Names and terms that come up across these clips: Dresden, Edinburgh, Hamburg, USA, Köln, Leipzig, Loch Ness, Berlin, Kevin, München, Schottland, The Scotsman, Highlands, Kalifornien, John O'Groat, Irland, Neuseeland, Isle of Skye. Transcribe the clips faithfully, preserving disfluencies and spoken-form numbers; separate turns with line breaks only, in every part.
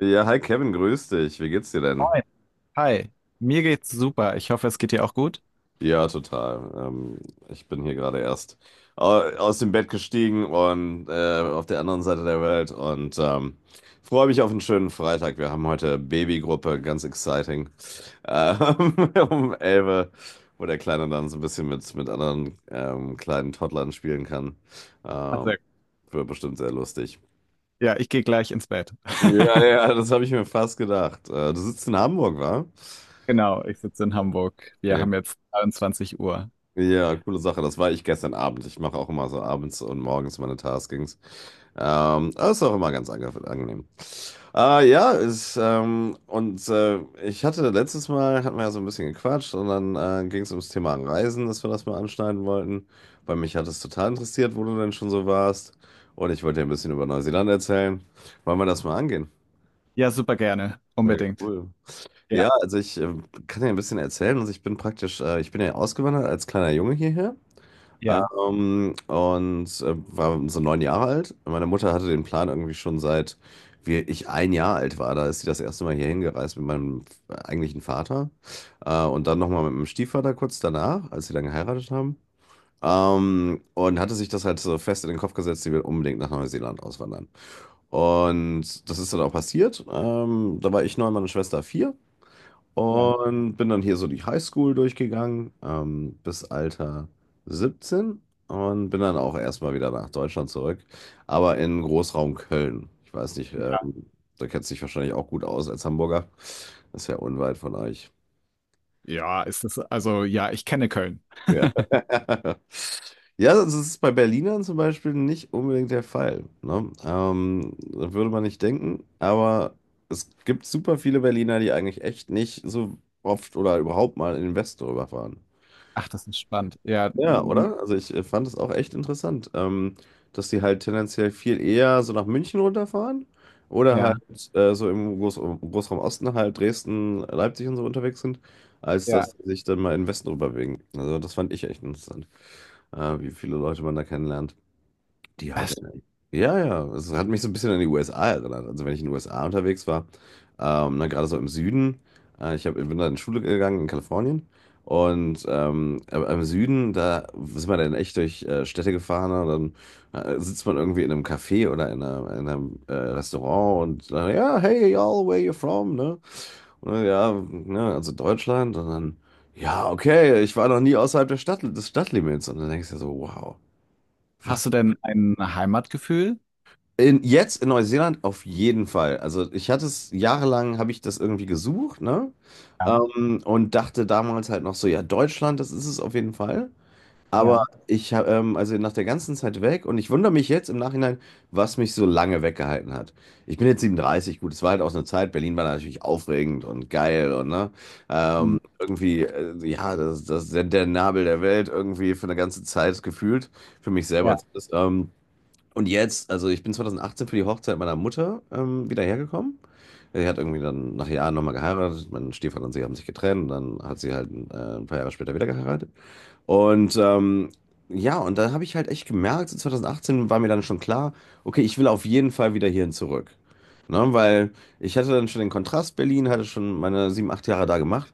Ja, hi Kevin, grüß dich. Wie geht's dir denn?
Moin. Hi, mir geht's super. Ich hoffe, es geht dir auch gut.
Ja, total. Ähm, ich bin hier gerade erst au- aus dem Bett gestiegen und äh, auf der anderen Seite der Welt und ähm, freue mich auf einen schönen Freitag. Wir haben heute Babygruppe, ganz exciting, Ähm, um elf Uhr, wo der Kleine dann so ein bisschen mit, mit anderen ähm, kleinen Toddlern spielen kann. Ähm,
Also,
wird bestimmt sehr lustig.
ja, ich gehe gleich ins Bett.
Ja, ja, das habe ich mir fast gedacht. Äh, du sitzt in Hamburg, wa?
Genau, ich sitze in Hamburg. Wir haben jetzt dreiundzwanzig Uhr.
Ja, coole Sache. Das war ich gestern Abend. Ich mache auch immer so abends und morgens meine Taskings. Ähm, das ist auch immer ganz ange angenehm. Äh, ja, ist, ähm, und äh, ich hatte letztes Mal, hatten wir ja so ein bisschen gequatscht und dann äh, ging es ums Thema Reisen, dass wir das mal anschneiden wollten, weil mich hat es total interessiert, wo du denn schon so warst. Und ich wollte dir ein bisschen über Neuseeland erzählen. Wollen wir das mal angehen?
Ja, super gerne.
Ja,
Unbedingt.
cool.
Ja,
Ja, also ich äh, kann dir ein bisschen erzählen. Also ich bin praktisch, äh, ich bin ja ausgewandert als kleiner Junge hierher.
ja,
Ähm, und äh, war so neun Jahre alt. Meine Mutter hatte den Plan irgendwie schon seit wir, ich ein Jahr alt war. Da ist sie das erste Mal hier hingereist mit meinem eigentlichen Vater. Äh, und dann nochmal mit meinem Stiefvater kurz danach, als sie dann geheiratet haben. Ähm, und hatte sich das halt so fest in den Kopf gesetzt, sie will unbedingt nach Neuseeland auswandern. Und das ist dann auch passiert. Ähm, da war ich neun, meine Schwester vier.
ja.
Und bin dann hier so die Highschool durchgegangen, ähm, bis Alter siebzehn und bin dann auch erstmal wieder nach Deutschland zurück, aber in Großraum Köln. Ich weiß nicht, ähm, da kennst du dich wahrscheinlich auch gut aus als Hamburger. Das ist ja unweit von euch.
Ja, ist das, also ja, ich kenne Köln.
Ja. Ja, das ist bei Berlinern zum Beispiel nicht unbedingt der Fall. Ne? Ähm, da würde man nicht denken, aber es gibt super viele Berliner, die eigentlich echt nicht so oft oder überhaupt mal in den Westen rüberfahren.
Ach, das ist spannend. Ja,
Ja,
mm,
oder? Also ich äh, fand es auch echt interessant, ähm, dass die halt tendenziell viel eher so nach München runterfahren oder halt
ja,
äh, so im Groß Großraum Osten halt Dresden, Leipzig und so unterwegs sind, als
ja.
dass sie sich dann mal in den Westen rüberbewegen. Also das fand ich echt interessant, äh, wie viele Leute man da kennenlernt. Die halt.
Hast,
Äh, Ja, ja, es hat mich so ein bisschen an die U S A erinnert. Also, wenn ich in den U S A unterwegs war, ähm, ne, gerade so im Süden, äh, ich hab, bin da in Schule gegangen in Kalifornien. Und ähm, aber im Süden, da sind wir dann echt durch äh, Städte gefahren. Und dann äh, sitzt man irgendwie in einem Café oder in, einer, in einem äh, Restaurant und dann, ja, hey, y'all, where you from? Ne? Und dann, ja, ne, also Deutschland. Und dann, ja, okay, ich war noch nie außerhalb der Stadt, des Stadtlimits. Und dann denkst du dir so, wow,
Hast
was?
du denn ein Heimatgefühl?
In, jetzt in Neuseeland auf jeden Fall. Also ich hatte es jahrelang, habe ich das irgendwie gesucht, ne?
Ja,
Ähm, und dachte damals halt noch so, ja, Deutschland, das ist es auf jeden Fall. Aber
ja,
ich habe, ähm, also nach der ganzen Zeit weg und ich wundere mich jetzt im Nachhinein, was mich so lange weggehalten hat. Ich bin jetzt siebenunddreißig, gut, es war halt auch so eine Zeit, Berlin war natürlich aufregend und geil und ne,
mm,
ähm, irgendwie, äh, ja, das, das ist der, der Nabel der Welt irgendwie für eine ganze Zeit gefühlt, für mich
ja,
selber zumindest. Ähm, und jetzt, also ich bin zweitausendachtzehn für die Hochzeit meiner Mutter ähm, wieder hergekommen. Sie hat irgendwie dann nach Jahren nochmal geheiratet. Mein Stiefvater und sie haben sich getrennt. Dann hat sie halt äh, ein paar Jahre später wieder geheiratet. Und ähm, ja, und da habe ich halt echt gemerkt, zweitausendachtzehn war mir dann schon klar, okay, ich will auf jeden Fall wieder hierhin zurück. Ne, weil ich hatte dann schon den Kontrast Berlin, hatte schon meine sieben, acht Jahre da gemacht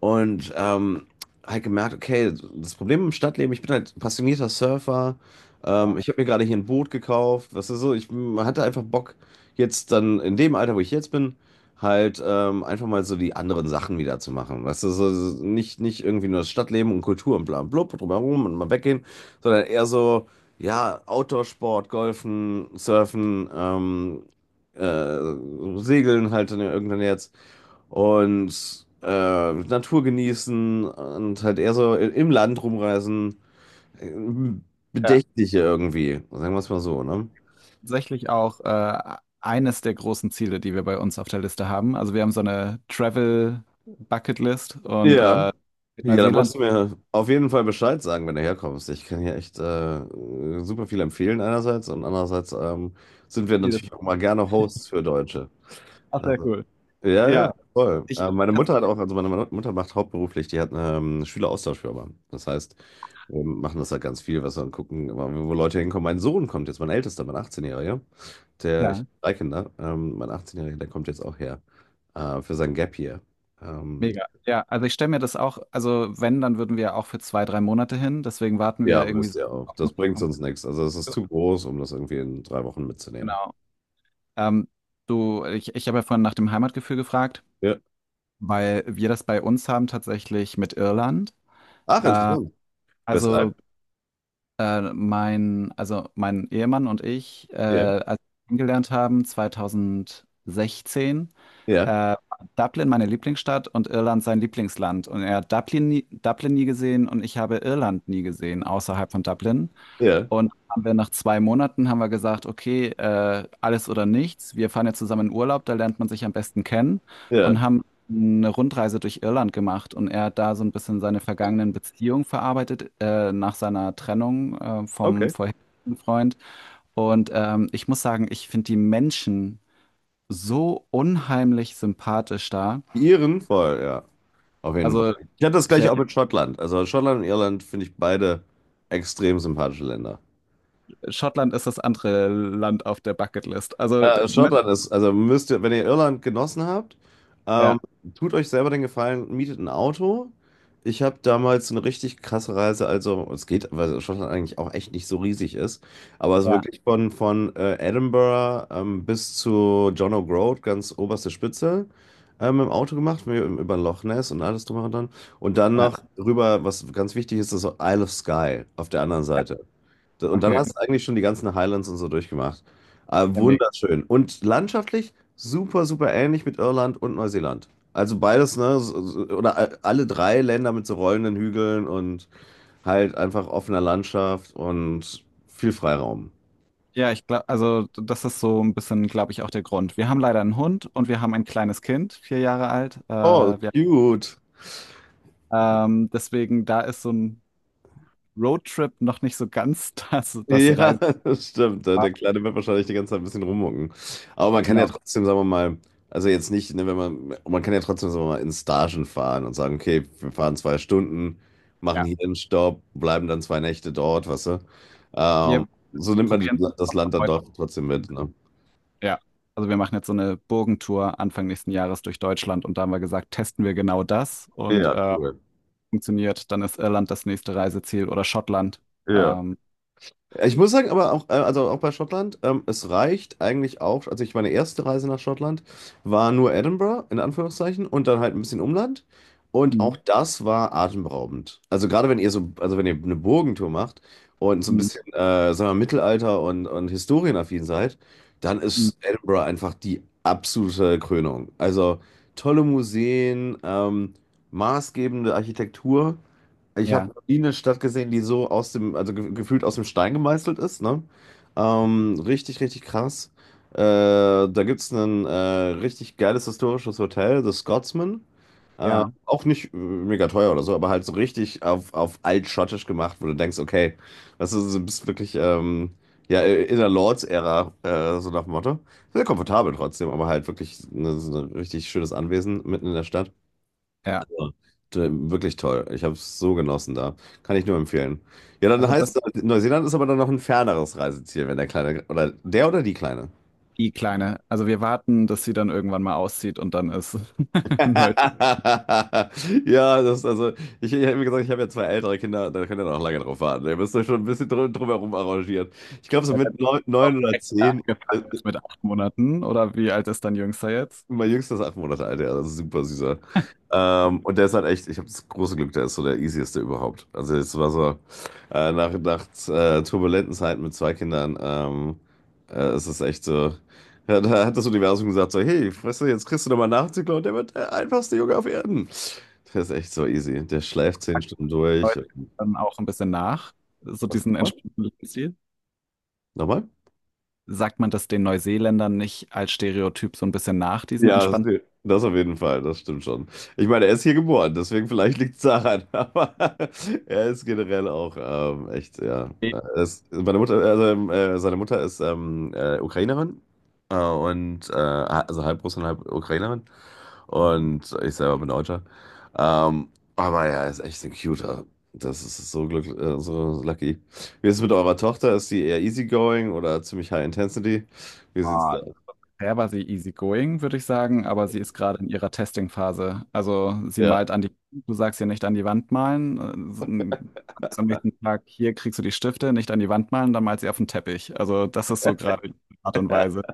und ähm, halt gemerkt, okay, das Problem im Stadtleben, ich bin halt passionierter Surfer, ähm,
ja.
ich habe mir gerade hier ein Boot gekauft, was ist so, ich hatte einfach Bock, jetzt dann in dem Alter, wo ich jetzt bin, halt ähm, einfach mal so die anderen Sachen wieder zu machen. Weißt du, so, so nicht, nicht irgendwie nur das Stadtleben und Kultur und bla und blub drumherum und mal weggehen, sondern eher so, ja, Outdoor-Sport, Golfen, Surfen, ähm, äh, Segeln halt dann irgendwann jetzt und äh, Natur genießen und halt eher so i- im Land rumreisen. äh,
Ja,
Bedächtliche irgendwie, sagen wir es mal so, ne?
tatsächlich auch äh, eines der großen Ziele, die wir bei uns auf der Liste haben. Also wir haben so eine Travel Bucket List und
Ja.
äh, mit
Ja, da
Neuseeland.
musst du mir auf jeden Fall Bescheid sagen, wenn du herkommst. Ich kann hier echt äh, super viel empfehlen einerseits und andererseits ähm, sind wir
Ziel-
natürlich auch mal gerne Hosts für Deutsche.
Ach, sehr
Also,
cool.
ja,
Ja,
ja, voll.
ich,
Äh, meine
tats-
Mutter hat auch, also meine Mu- Mutter macht hauptberuflich, die hat eine ähm, Schüleraustauschfirma. Das heißt, wir machen das halt ganz viel, was wir dann gucken, immer, wo Leute hinkommen. Mein Sohn kommt jetzt, mein Ältester, mein achtzehn-Jähriger, der, ich
ja,
habe drei Kinder, ähm, mein achtzehn-Jähriger, der kommt jetzt auch her äh, für sein Gap Year. Ähm,
mega. Ja, also ich stelle mir das auch, also wenn, dann würden wir auch für zwei, drei Monate hin. Deswegen warten
Ja,
wir irgendwie
müsst
so
ihr auch.
auf
Das
den
bringt
Zeitpunkt.
uns nichts. Also es ist zu groß, um das irgendwie in drei Wochen mitzunehmen.
Genau. Ähm, du, ich, ich habe ja vorhin nach dem Heimatgefühl gefragt,
Ja.
weil wir das bei uns haben tatsächlich mit Irland.
Ach,
Äh,
interessant. Weshalb?
also äh, mein, also mein Ehemann und ich, äh,
Ja,
als wir kennengelernt haben, zweitausendsechzehn,
ja,
äh, Dublin meine Lieblingsstadt und Irland sein Lieblingsland. Und er hat Dublin nie, Dublin nie gesehen und ich habe Irland nie gesehen außerhalb von Dublin.
ja,
Und haben wir nach zwei Monaten haben wir gesagt, okay, äh, alles oder nichts. Wir fahren jetzt zusammen in Urlaub, da lernt man sich am besten kennen
ja.
und haben eine Rundreise durch Irland gemacht. Und er hat da so ein bisschen seine vergangenen Beziehungen verarbeitet, äh, nach seiner Trennung, äh, vom
Okay.
vorherigen Freund. Und ähm, ich muss sagen, ich finde die Menschen so unheimlich sympathisch da.
Die Iren voll, ja. Auf jeden
Also
Fall. Ich hatte das
ich, äh,
gleiche auch mit Schottland. Also Schottland und Irland finde ich beide extrem sympathische Länder.
Schottland ist das andere Land auf der Bucketlist. Also,
Äh,
ne?
Schottland ist, also müsst ihr, wenn ihr Irland genossen habt,
Ja,
ähm, tut euch selber den Gefallen, mietet ein Auto. Ich habe damals eine richtig krasse Reise, also es geht, weil Schottland eigentlich auch echt nicht so riesig ist, aber es ist
ja,
wirklich von, von äh, Edinburgh ähm, bis zu John O'Groat, ganz oberste Spitze, ähm, im Auto gemacht, wir- über Loch Ness und alles drum und dran. Und dann
ja,
noch rüber, was ganz wichtig ist, ist Isle of Skye auf der anderen Seite. Und dann
okay.
hast du eigentlich schon die ganzen Highlands und so durchgemacht. Ah,
Ja, mega.
wunderschön. Und landschaftlich super, super ähnlich mit Irland und Neuseeland. Also beides, ne? so- so- Oder a- alle drei Länder mit so rollenden Hügeln und halt einfach offener Landschaft und viel Freiraum.
Ja, ich glaube, also das ist so ein bisschen, glaube ich, auch der Grund. Wir haben leider einen Hund und wir haben ein kleines Kind, vier Jahre alt. Äh,
Oh,
wir,
cute.
ähm, deswegen, da ist so ein Roadtrip noch nicht so ganz das, das
Ja,
Reise.
das stimmt. Der der Kleine wird wahrscheinlich die ganze Zeit ein bisschen rummucken. Aber man kann ja
Genau,
trotzdem, sagen wir mal, also jetzt nicht, ne, wenn man, man kann ja trotzdem, sagen wir mal, in Stagen fahren und sagen, okay, wir fahren zwei Stunden, machen
ja.
hier einen Stopp, bleiben dann zwei Nächte dort, weißt du? Ähm,
Wir
so nimmt man die,
probieren
das
es
Land dann
heute
doch trotzdem mit,
an.
ne?
Ja. Also wir machen jetzt so eine Burgentour Anfang nächsten Jahres durch Deutschland und da haben wir gesagt, testen wir genau das und
Ja,
äh,
cool.
funktioniert, dann ist Irland das nächste Reiseziel oder Schottland.
Ja.
Ähm,
Ich muss sagen, aber auch, äh, also auch bei Schottland, ähm, es reicht eigentlich auch, also ich meine erste Reise nach Schottland war nur Edinburgh, in Anführungszeichen, und dann halt ein bisschen Umland. Und auch
mhm.
das war atemberaubend. Also gerade wenn ihr so, also wenn ihr eine Burgentour macht und so ein
Mhm.
bisschen, äh, sagen wir, mal, Mittelalter und, und historienaffin seid, dann
Mhm.
ist Edinburgh einfach die absolute Krönung. Also tolle Museen, ähm, maßgebende Architektur. Ich habe
Ja,
noch nie eine Stadt gesehen, die so aus dem, also ge gefühlt aus dem Stein gemeißelt ist, ne? Ähm, richtig, richtig krass. Äh, da gibt es ein äh, richtig geiles historisches Hotel, The Scotsman. Äh,
ja,
auch nicht äh, mega teuer oder so, aber halt so richtig auf, auf altschottisch gemacht, wo du denkst, okay, das ist, du bist wirklich ähm, ja, in der Lords-Ära, äh, so nach dem Motto. Sehr komfortabel trotzdem, aber halt wirklich ne, so ein richtig schönes Anwesen mitten in der Stadt.
ja.
Ja. D- Wirklich toll. Ich habe es so genossen da. Kann ich nur empfehlen. Ja, dann
Also
heißt
das.
es, halt, Neuseeland ist aber dann noch ein ferneres Reiseziel, wenn der Kleine, oder der oder die Kleine.
Die Kleine. Also wir warten, dass sie dann irgendwann mal auszieht und dann ist neu.
Ja, das, also, ich, ich habe mir gesagt, ich habe ja zwei ältere Kinder, da könnt ihr noch lange drauf warten. Ihr müsst euch schon ein bisschen drum, drumherum arrangieren. Ich glaube, so
Ja, dann
mit
ist
neun,
auch
neun oder
direkt
zehn. äh,
angefangen, ist mit acht Monaten oder wie alt ist dein Jüngster jetzt?
Mein Jüngster ist acht Monate alt, ja, also super süßer. Ähm, und der ist halt echt, ich habe das große Glück, der ist so der easieste überhaupt. Also es war so, äh, nach, nach äh, turbulenten Zeiten mit zwei Kindern, ähm, äh, es ist echt so, ja, da hat das Universum gesagt so, hey, weißt du, jetzt kriegst du nochmal Nachzügler und der wird der einfachste Junge auf Erden. Der ist echt so easy. Der schläft zehn Stunden durch.
Heute dann auch ein bisschen nach, so
Was?
diesen
Nochmal?
entspannten Lebensstil.
Nochmal?
Sagt man das den Neuseeländern nicht als Stereotyp so ein bisschen nach, diesen
Ja, das
entspannten
das auf jeden Fall, das stimmt schon. Ich meine, er ist hier geboren, deswegen vielleicht liegt es daran, aber er ist generell auch ähm, echt, ja. Er ist, meine Mutter, also, ähm, äh, Seine Mutter ist ähm, äh, Ukrainerin äh, und äh, also halb Russin, halb Ukrainerin
Lebensstil?
und ich selber bin Deutscher. Ähm, aber ja, er ist echt ein Cuter. Das ist so glücklich, äh, so lucky. Wie ist es mit eurer Tochter? Ist sie eher easygoing oder ziemlich high intensity? Wie sieht's da aus?
Bisher war sie easygoing, würde ich sagen, aber sie ist gerade in ihrer Testing-Phase. Also sie
Ja.
malt an die, du sagst ihr nicht an die Wand malen. äh, Am nächsten Tag, hier kriegst du die Stifte, nicht an die Wand malen, dann malt sie auf den Teppich. Also das ist so gerade die Art und Weise.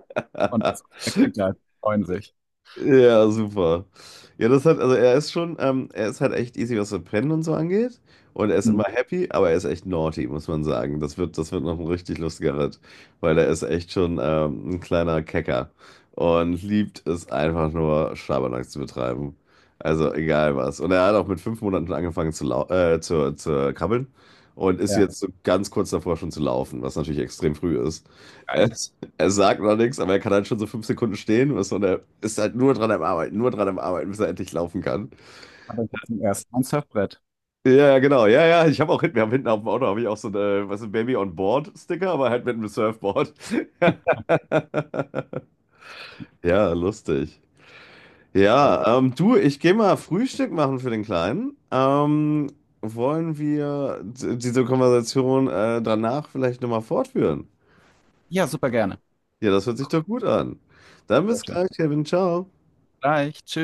Und die Kinder freuen sich.
Ja, super. Ja, das hat, also er ist schon, ähm, er ist halt echt easy, was so Pennen und so angeht. Und er ist
Hm,
immer happy, aber er ist echt naughty, muss man sagen. Das wird, das wird noch ein richtig lustiger Ritt, weil er ist echt schon ähm, ein kleiner Kecker und liebt es einfach nur, Schabernack zu betreiben. Also egal was. Und er hat auch mit fünf Monaten schon angefangen zu, lau äh, zu, zu krabbeln und ist
ja,
jetzt so ganz kurz davor schon zu laufen, was natürlich extrem früh ist.
geil.
Er sagt noch nichts, aber er kann halt schon so fünf Sekunden stehen. Was so Und er ist halt nur dran am Arbeiten, nur dran am Arbeiten, bis er endlich laufen kann.
Aber ich zum ersten Mal ein Surfbrett.
Ja, ja, genau. Ja, ja. Ich habe auch hinten, wir haben hinten auf dem Auto habe ich auch so eine, was ist ein Baby on Board Sticker, aber halt mit einem Surfboard. Ja, lustig.
Sehr cool.
Ja, ähm, du, ich gehe mal Frühstück machen für den Kleinen. Ähm, wollen wir d- diese Konversation äh, danach vielleicht nochmal fortführen?
Ja, super gerne.
Ja, das hört sich doch gut an. Dann
Sehr
bis
schön.
gleich, Kevin. Ciao.
Gleich, tschüss.